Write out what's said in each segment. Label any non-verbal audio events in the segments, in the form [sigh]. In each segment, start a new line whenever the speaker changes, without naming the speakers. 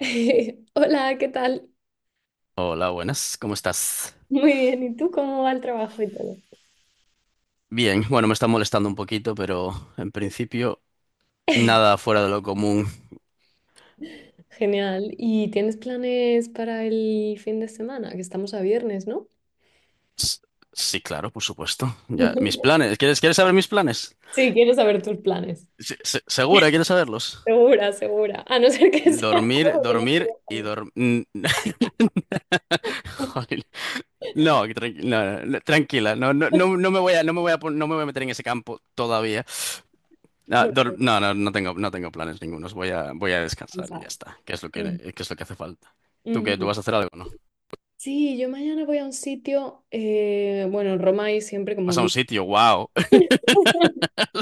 [laughs] Hola, ¿qué tal?
Hola, buenas, ¿cómo estás?
Muy bien, ¿y tú cómo va el trabajo y todo?
Bien, bueno, me está molestando un poquito, pero en principio nada fuera de lo común.
Genial. ¿Y tienes planes para el fin de semana? Que estamos a viernes, ¿no?
S- Sí, claro, por supuesto. Ya, mis
[laughs]
planes, ¿quieres saber mis planes?
Sí, quiero saber tus planes.
¿Segura? ¿Quieres saberlos?
Segura, segura. A no ser que [laughs] sea
Dormir,
algo que no
dormir
quieras
y
saber.
dormir. [laughs] No, no, no, no, tranquila, no, no, no,
[laughs]
no me voy a, pon- no me voy a meter en ese campo todavía.
Por
No, no tengo planes ningunos. Voy a descansar y
descansar.
ya está.
Mm.
¿Qué es lo que hace falta? ¿Tú qué? ¿Tú
Ujú.
vas a hacer algo, no?
Sí, yo mañana voy a un sitio, bueno, en Roma hay siempre como
Vas a un
mil.
sitio, wow. [laughs]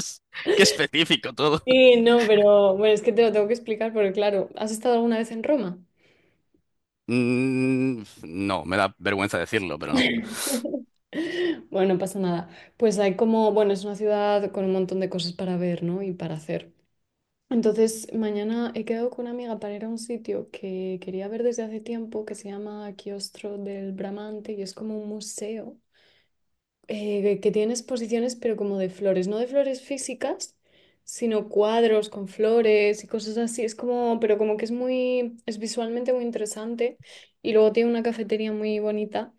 Qué específico todo.
Sí, no, pero bueno, es que te lo tengo que explicar porque claro, ¿has estado alguna vez en Roma?
No, me da vergüenza decirlo, pero no.
Bueno, no pasa nada. Pues hay como, bueno, es una ciudad con un montón de cosas para ver, ¿no? Y para hacer. Entonces, mañana he quedado con una amiga para ir a un sitio que quería ver desde hace tiempo, que se llama Quiostro del Bramante, y es como un museo que tiene exposiciones, pero como de flores, no de flores físicas, sino cuadros con flores y cosas así. Es como, pero como que es muy, es visualmente muy interesante. Y luego tiene una cafetería muy bonita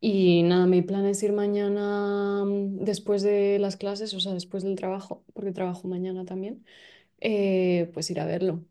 y nada, mi plan es ir mañana después de las clases, o sea, después del trabajo, porque trabajo mañana también, pues ir a verlo.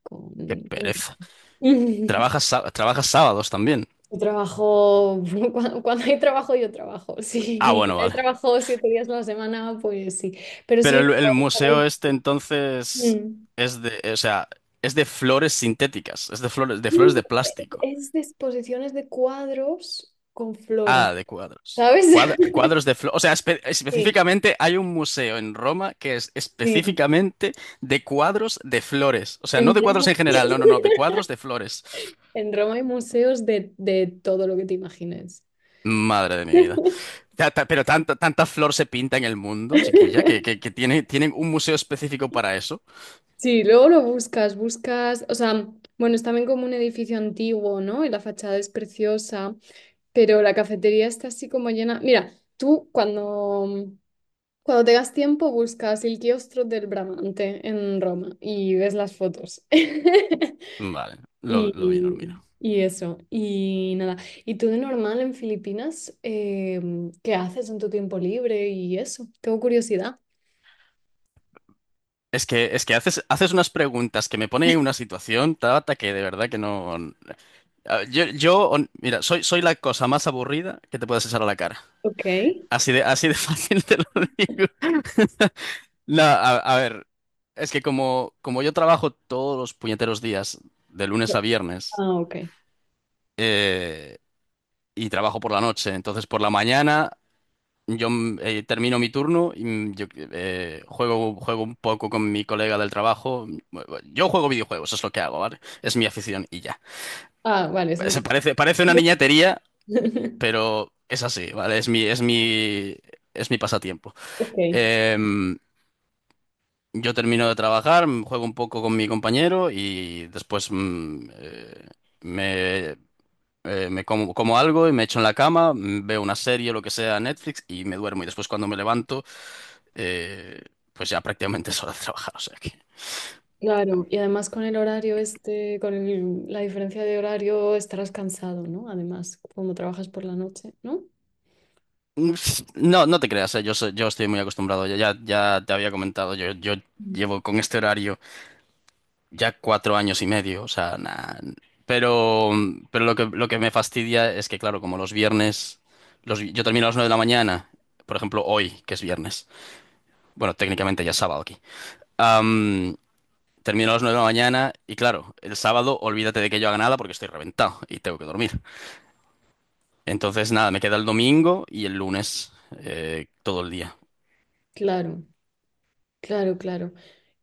Qué
Con-
pereza.
[laughs]
¿Trabajas sábados también?
Yo trabajo, [laughs] cuando hay trabajo, yo trabajo. [laughs]
Ah,
Si
bueno,
hay
vale.
trabajo 7 días a la semana, pues sí. Pero
Pero
sí,
el
lo-
museo este entonces
Mm.
es de, o sea, es de flores sintéticas, de flores
No,
de plástico.
es de exposiciones de cuadros con flores,
Ah, de cuadros.
¿sabes? [laughs]
Cuadros de flores. O sea,
Sí,
específicamente hay un museo en Roma que es
sí.
específicamente de cuadros de flores. O sea, no
En
de cuadros
Roma,
en general, no, no, no, de cuadros de flores.
en Roma hay museos de todo lo que te imagines.
Madre de mi vida. Pero tanta flor se pinta en el mundo, chiquilla, que tienen un museo específico para eso.
Sí, luego lo buscas, buscas, o sea, bueno, es también como un edificio antiguo, ¿no? Y la fachada es preciosa, pero la cafetería está así como llena. Mira, tú cuando tengas tiempo buscas el kiostro del Bramante en Roma y ves las fotos. [laughs]
Vale,
Y,
lo vi, Normino.
y eso, y nada. ¿Y tú de normal en Filipinas, qué haces en tu tiempo libre y eso? Tengo curiosidad.
Es que haces unas preguntas que me ponen en una situación, Tabata, que de verdad que no. Ah, mira, soy la cosa más aburrida que te puedes echar a la cara.
Ok.
Así de [laughs] fácil te lo digo. [laughs] No, a ver, es que como yo trabajo todos los puñeteros días, de lunes a viernes,
Ah, ok.
eh, y trabajo por la noche, entonces por la mañana yo termino mi turno y juego un poco con mi colega del trabajo. Yo juego videojuegos, es lo que hago, ¿vale? Es mi afición y ya.
Ah, vale, son tus.
Parece una niñatería,
[laughs]
pero es así, ¿vale? Es mi pasatiempo.
Ok.
Eh, Yo termino de trabajar, juego un poco con mi compañero y después me, como algo y me echo en la cama, veo una serie o lo que sea, Netflix y me duermo. Y después cuando me levanto, eh, pues ya prácticamente [laughs] es hora de trabajar. O sea que...
Claro, y además con el horario este, la diferencia de horario estarás cansado, ¿no? Además, como trabajas por la noche, ¿no?
Mm, No, no te creas, yo estoy muy acostumbrado. Ya te había comentado, yo
Mm.
llevo con este horario. Ya cuatro años y medio, o sea, na- Pero, lo que me fastidia es que, claro, como los viernes, yo termino a las nueve de la mañana, por ejemplo, hoy, que es viernes, bueno, técnicamente ya es sábado aquí, am, termino a las nueve de la mañana y, claro, el sábado olvídate de que yo haga nada porque estoy reventado y tengo que dormir. Entonces, nada, me queda el domingo y el lunes todo el día.
Claro, claro, claro.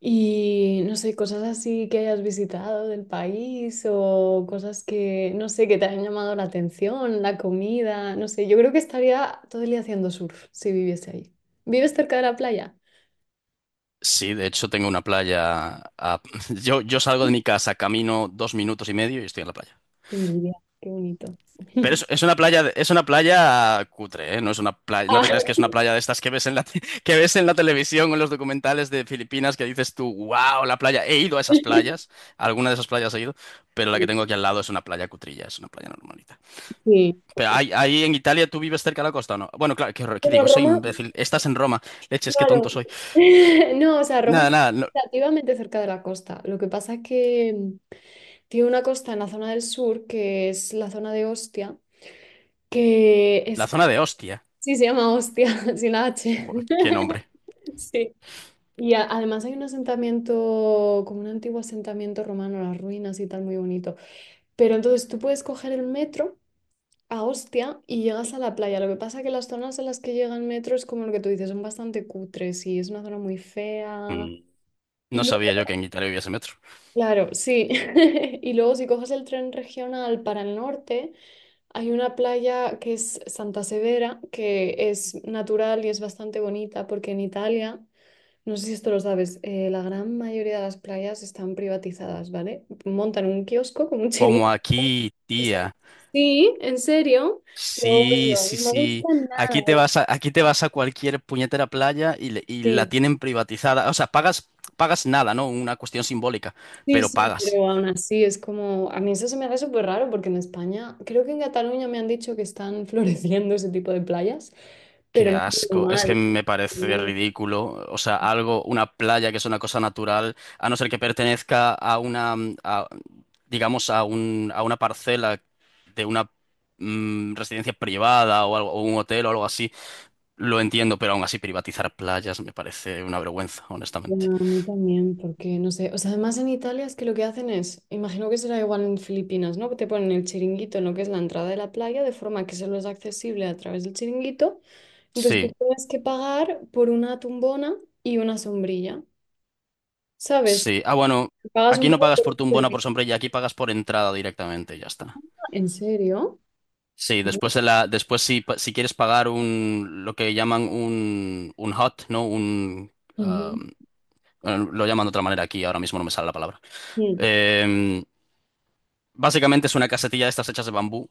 Y no sé, cosas así que hayas visitado del país o cosas que, no sé, que te hayan llamado la atención, la comida, no sé, yo creo que estaría todo el día haciendo surf si viviese ahí. ¿Vives cerca de la playa?
Sí, de hecho, tengo una playa. [laughs] Yo salgo de mi casa, camino dos minutos y medio y estoy en la playa.
Qué envidia, qué bonito.
Pero
[laughs]
es una playa, es una playa cutre, ¿eh? No es una playa, no te
Ah,
creas que es una playa de estas que ves en [laughs] que ves en la televisión o en los documentales de Filipinas que dices tú, wow, la playa. He ido a esas
[laughs]
playas, a alguna de esas playas he ido, pero la que
sí,
tengo aquí al lado es una playa cutrilla, es una playa normalita.
sí.
Pero
Ok.
ahí, ahí en Italia, ¿tú vives cerca de la costa o no? Bueno, claro, qué, horror, ¿qué
Bueno,
digo? Soy
Roma.
imbécil. Estás en Roma. Leches, qué tonto
Claro.
soy.
[laughs] No, o sea, Roma
Nada,
está
nada, no-
relativamente cerca de la costa. Lo que pasa es que tiene una costa en la zona del sur, que es la zona de Ostia, que es...
la
co-
zona de Ostia.
Sí, se llama Ostia, [laughs] sin la H.
Joder, qué nombre.
[laughs] Sí. Además hay un asentamiento, como un antiguo asentamiento romano, las ruinas y tal, muy bonito. Pero entonces tú puedes coger el metro a Ostia y llegas a la playa. Lo que pasa es que las zonas en las que llega el metro es como lo que tú dices, son bastante cutres y es una zona muy fea.
Mm.
Y
No sabía yo que en Italia hubiese metro.
Claro, sí. [laughs] Y luego si coges el tren regional para el norte, hay una playa que es Santa Severa, que es natural y es bastante bonita, porque en Italia, no sé si esto lo sabes, la gran mayoría de las playas están privatizadas, ¿vale? Montan un kiosco con un
Como
chiringuito.
aquí,
O sea,
tía.
sí, en serio. Lo
Sí,
odio,
sí,
no me gusta
sí.
nada.
Aquí te vas a cualquier puñetera playa y la
Sí.
tienen privatizada. O sea, pagas, pagas nada, ¿no? Una cuestión simbólica,
Sí,
pero
sí,
pagas.
pero aún así es como, a mí eso se me hace súper raro porque en España, creo que en Cataluña me han dicho que están [laughs] floreciendo ese tipo de playas, pero
Qué
no es
asco. Es que
normal.
me parece
No,
ridículo. O sea, algo, una playa que es una cosa natural, a no ser que pertenezca a digamos, a a una parcela de una residencia privada o algo, o un hotel o algo así. Lo entiendo, pero aún así privatizar playas me parece una vergüenza, honestamente.
bueno, a mí también, porque no sé, o sea, además en Italia es que lo que hacen es, imagino que será igual en Filipinas, ¿no? Que te ponen el chiringuito en lo que es la entrada de la playa, de forma que solo es accesible a través del chiringuito, entonces tú
Sí.
tienes que pagar por una tumbona y una sombrilla, ¿sabes?
Sí. Ah, bueno,
Si pagas un
aquí no
poco
pagas
por
por
un
tumbona o por
servicio.
sombrilla, aquí pagas por entrada directamente, ya está.
¿En serio?
Sí, después si, pa- si quieres pagar lo que llaman un hot, ¿no? Ah,
Ujú.
bueno, lo llaman de otra manera aquí, ahora mismo no me sale la palabra.
Mm.
Em, Básicamente es una casetilla de estas hechas de bambú,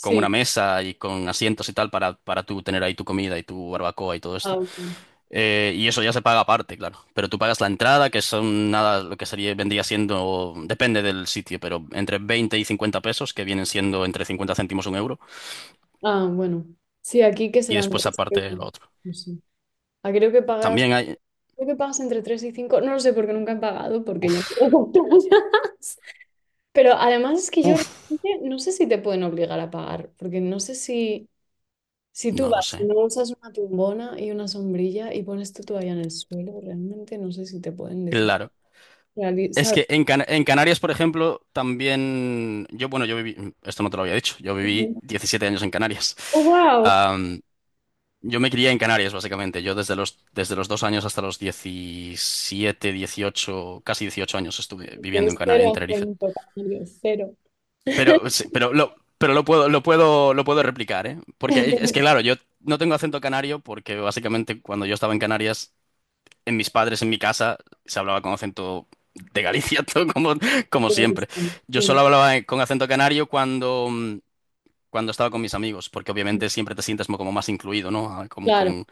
con una mesa y con asientos y tal para tú tener ahí tu comida y tu barbacoa y todo
Ah,
esto.
ok.
Y eso ya se paga aparte, claro. Pero tú pagas la entrada, que son nada, lo que sería, vendría siendo, depende del sitio, pero entre 20 y 50 pesos, que vienen siendo entre 50 céntimos un euro,
Ah, bueno. Sí, aquí que
y
serán
después
tres.
aparte
euros.
lo otro.
No sé. Ah, creo que pagas,
También hay...
creo que pagas entre 3 y cinco. No lo sé porque nunca he pagado, porque yo
Uf,
no pago [laughs] playas. Pero además es que yo
uf,
realmente no sé si te pueden obligar a pagar, porque no sé si tú
no lo
vas y
sé.
no usas una tumbona y una sombrilla y pones tu toalla en el suelo, realmente no sé si te pueden decir.
Claro. Es
¿Sabes?
que en, en Canarias, por ejemplo, también yo, bueno, yo viví, esto no te lo había dicho, yo viví
Ujú.
17 años en Canarias.
Oh, wow.
Am, yo me crié en Canarias, básicamente. Yo desde los dos años hasta los 17, 18, casi 18 años estuve viviendo en
Tienes
Canarias, en
cero
Tenerife.
acento, canario, cero.
Pero, sí,
[laughs]
pero, lo puedo replicar, ¿eh? Porque es
Pero,
que, claro, yo no tengo acento canario porque básicamente cuando yo estaba en Canarias en mis padres, en mi casa, se hablaba con acento de Galicia, [laughs] todo como, como
pero,
siempre. Yo
sí.
solo hablaba con acento canario cuando, cuando estaba con mis amigos, porque obviamente siempre te sientes como más incluido, ¿no? Ah, Como
Claro.
con...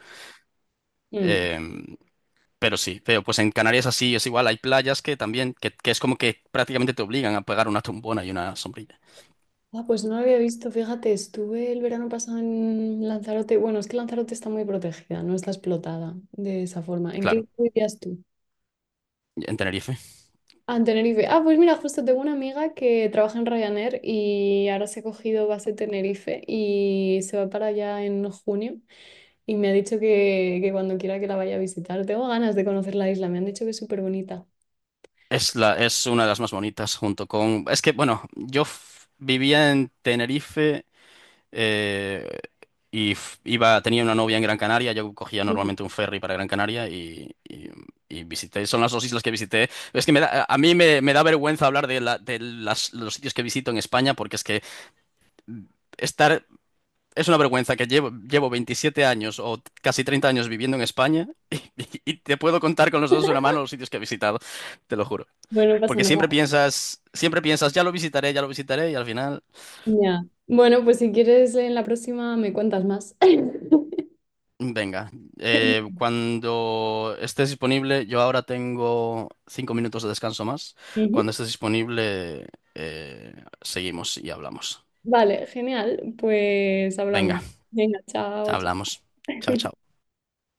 Mm.
em, pero sí, pero pues en Canarias así es igual, hay playas que también, que es como que prácticamente te obligan a pegar una tumbona y una sombrilla.
Ah, pues no lo había visto. Fíjate, estuve el verano pasado en Lanzarote. Bueno, es que Lanzarote está muy protegida, no está explotada de esa forma. ¿En
Claro,
qué vivías tú?
en Tenerife.
Ah, en Tenerife. Ah, pues mira, justo tengo una amiga que trabaja en Ryanair y ahora se ha cogido base Tenerife y se va para allá en junio y me ha dicho que cuando quiera que la vaya a visitar. Tengo ganas de conocer la isla, me han dicho que es súper bonita.
Es es una de las más bonitas junto con... Es que, bueno, vivía en Tenerife. Eh, iba, tenía una novia en Gran Canaria, yo cogía
No.
normalmente un ferry para Gran Canaria y visité, son las dos islas que visité. Es que a me da vergüenza hablar de, los sitios que visito en España porque es que estar, es una vergüenza que llevo, llevo 27 años o casi 30 años viviendo en España, [laughs] y te puedo contar con los dedos de una mano los sitios que he visitado, te lo juro.
Bueno, no pasa
Porque
nada.
siempre piensas, ya lo visitaré y al final...
Ya. Bueno, pues si quieres en la próxima me cuentas más. [laughs]
Venga,
[laughs]
cuando estés disponible, yo ahora tengo cinco minutos de descanso más. Cuando
Ujú.
estés disponible, eh, seguimos y hablamos.
Vale, genial. Pues
Venga,
hablamos. Venga, chao, chao.
hablamos. Chao, chao.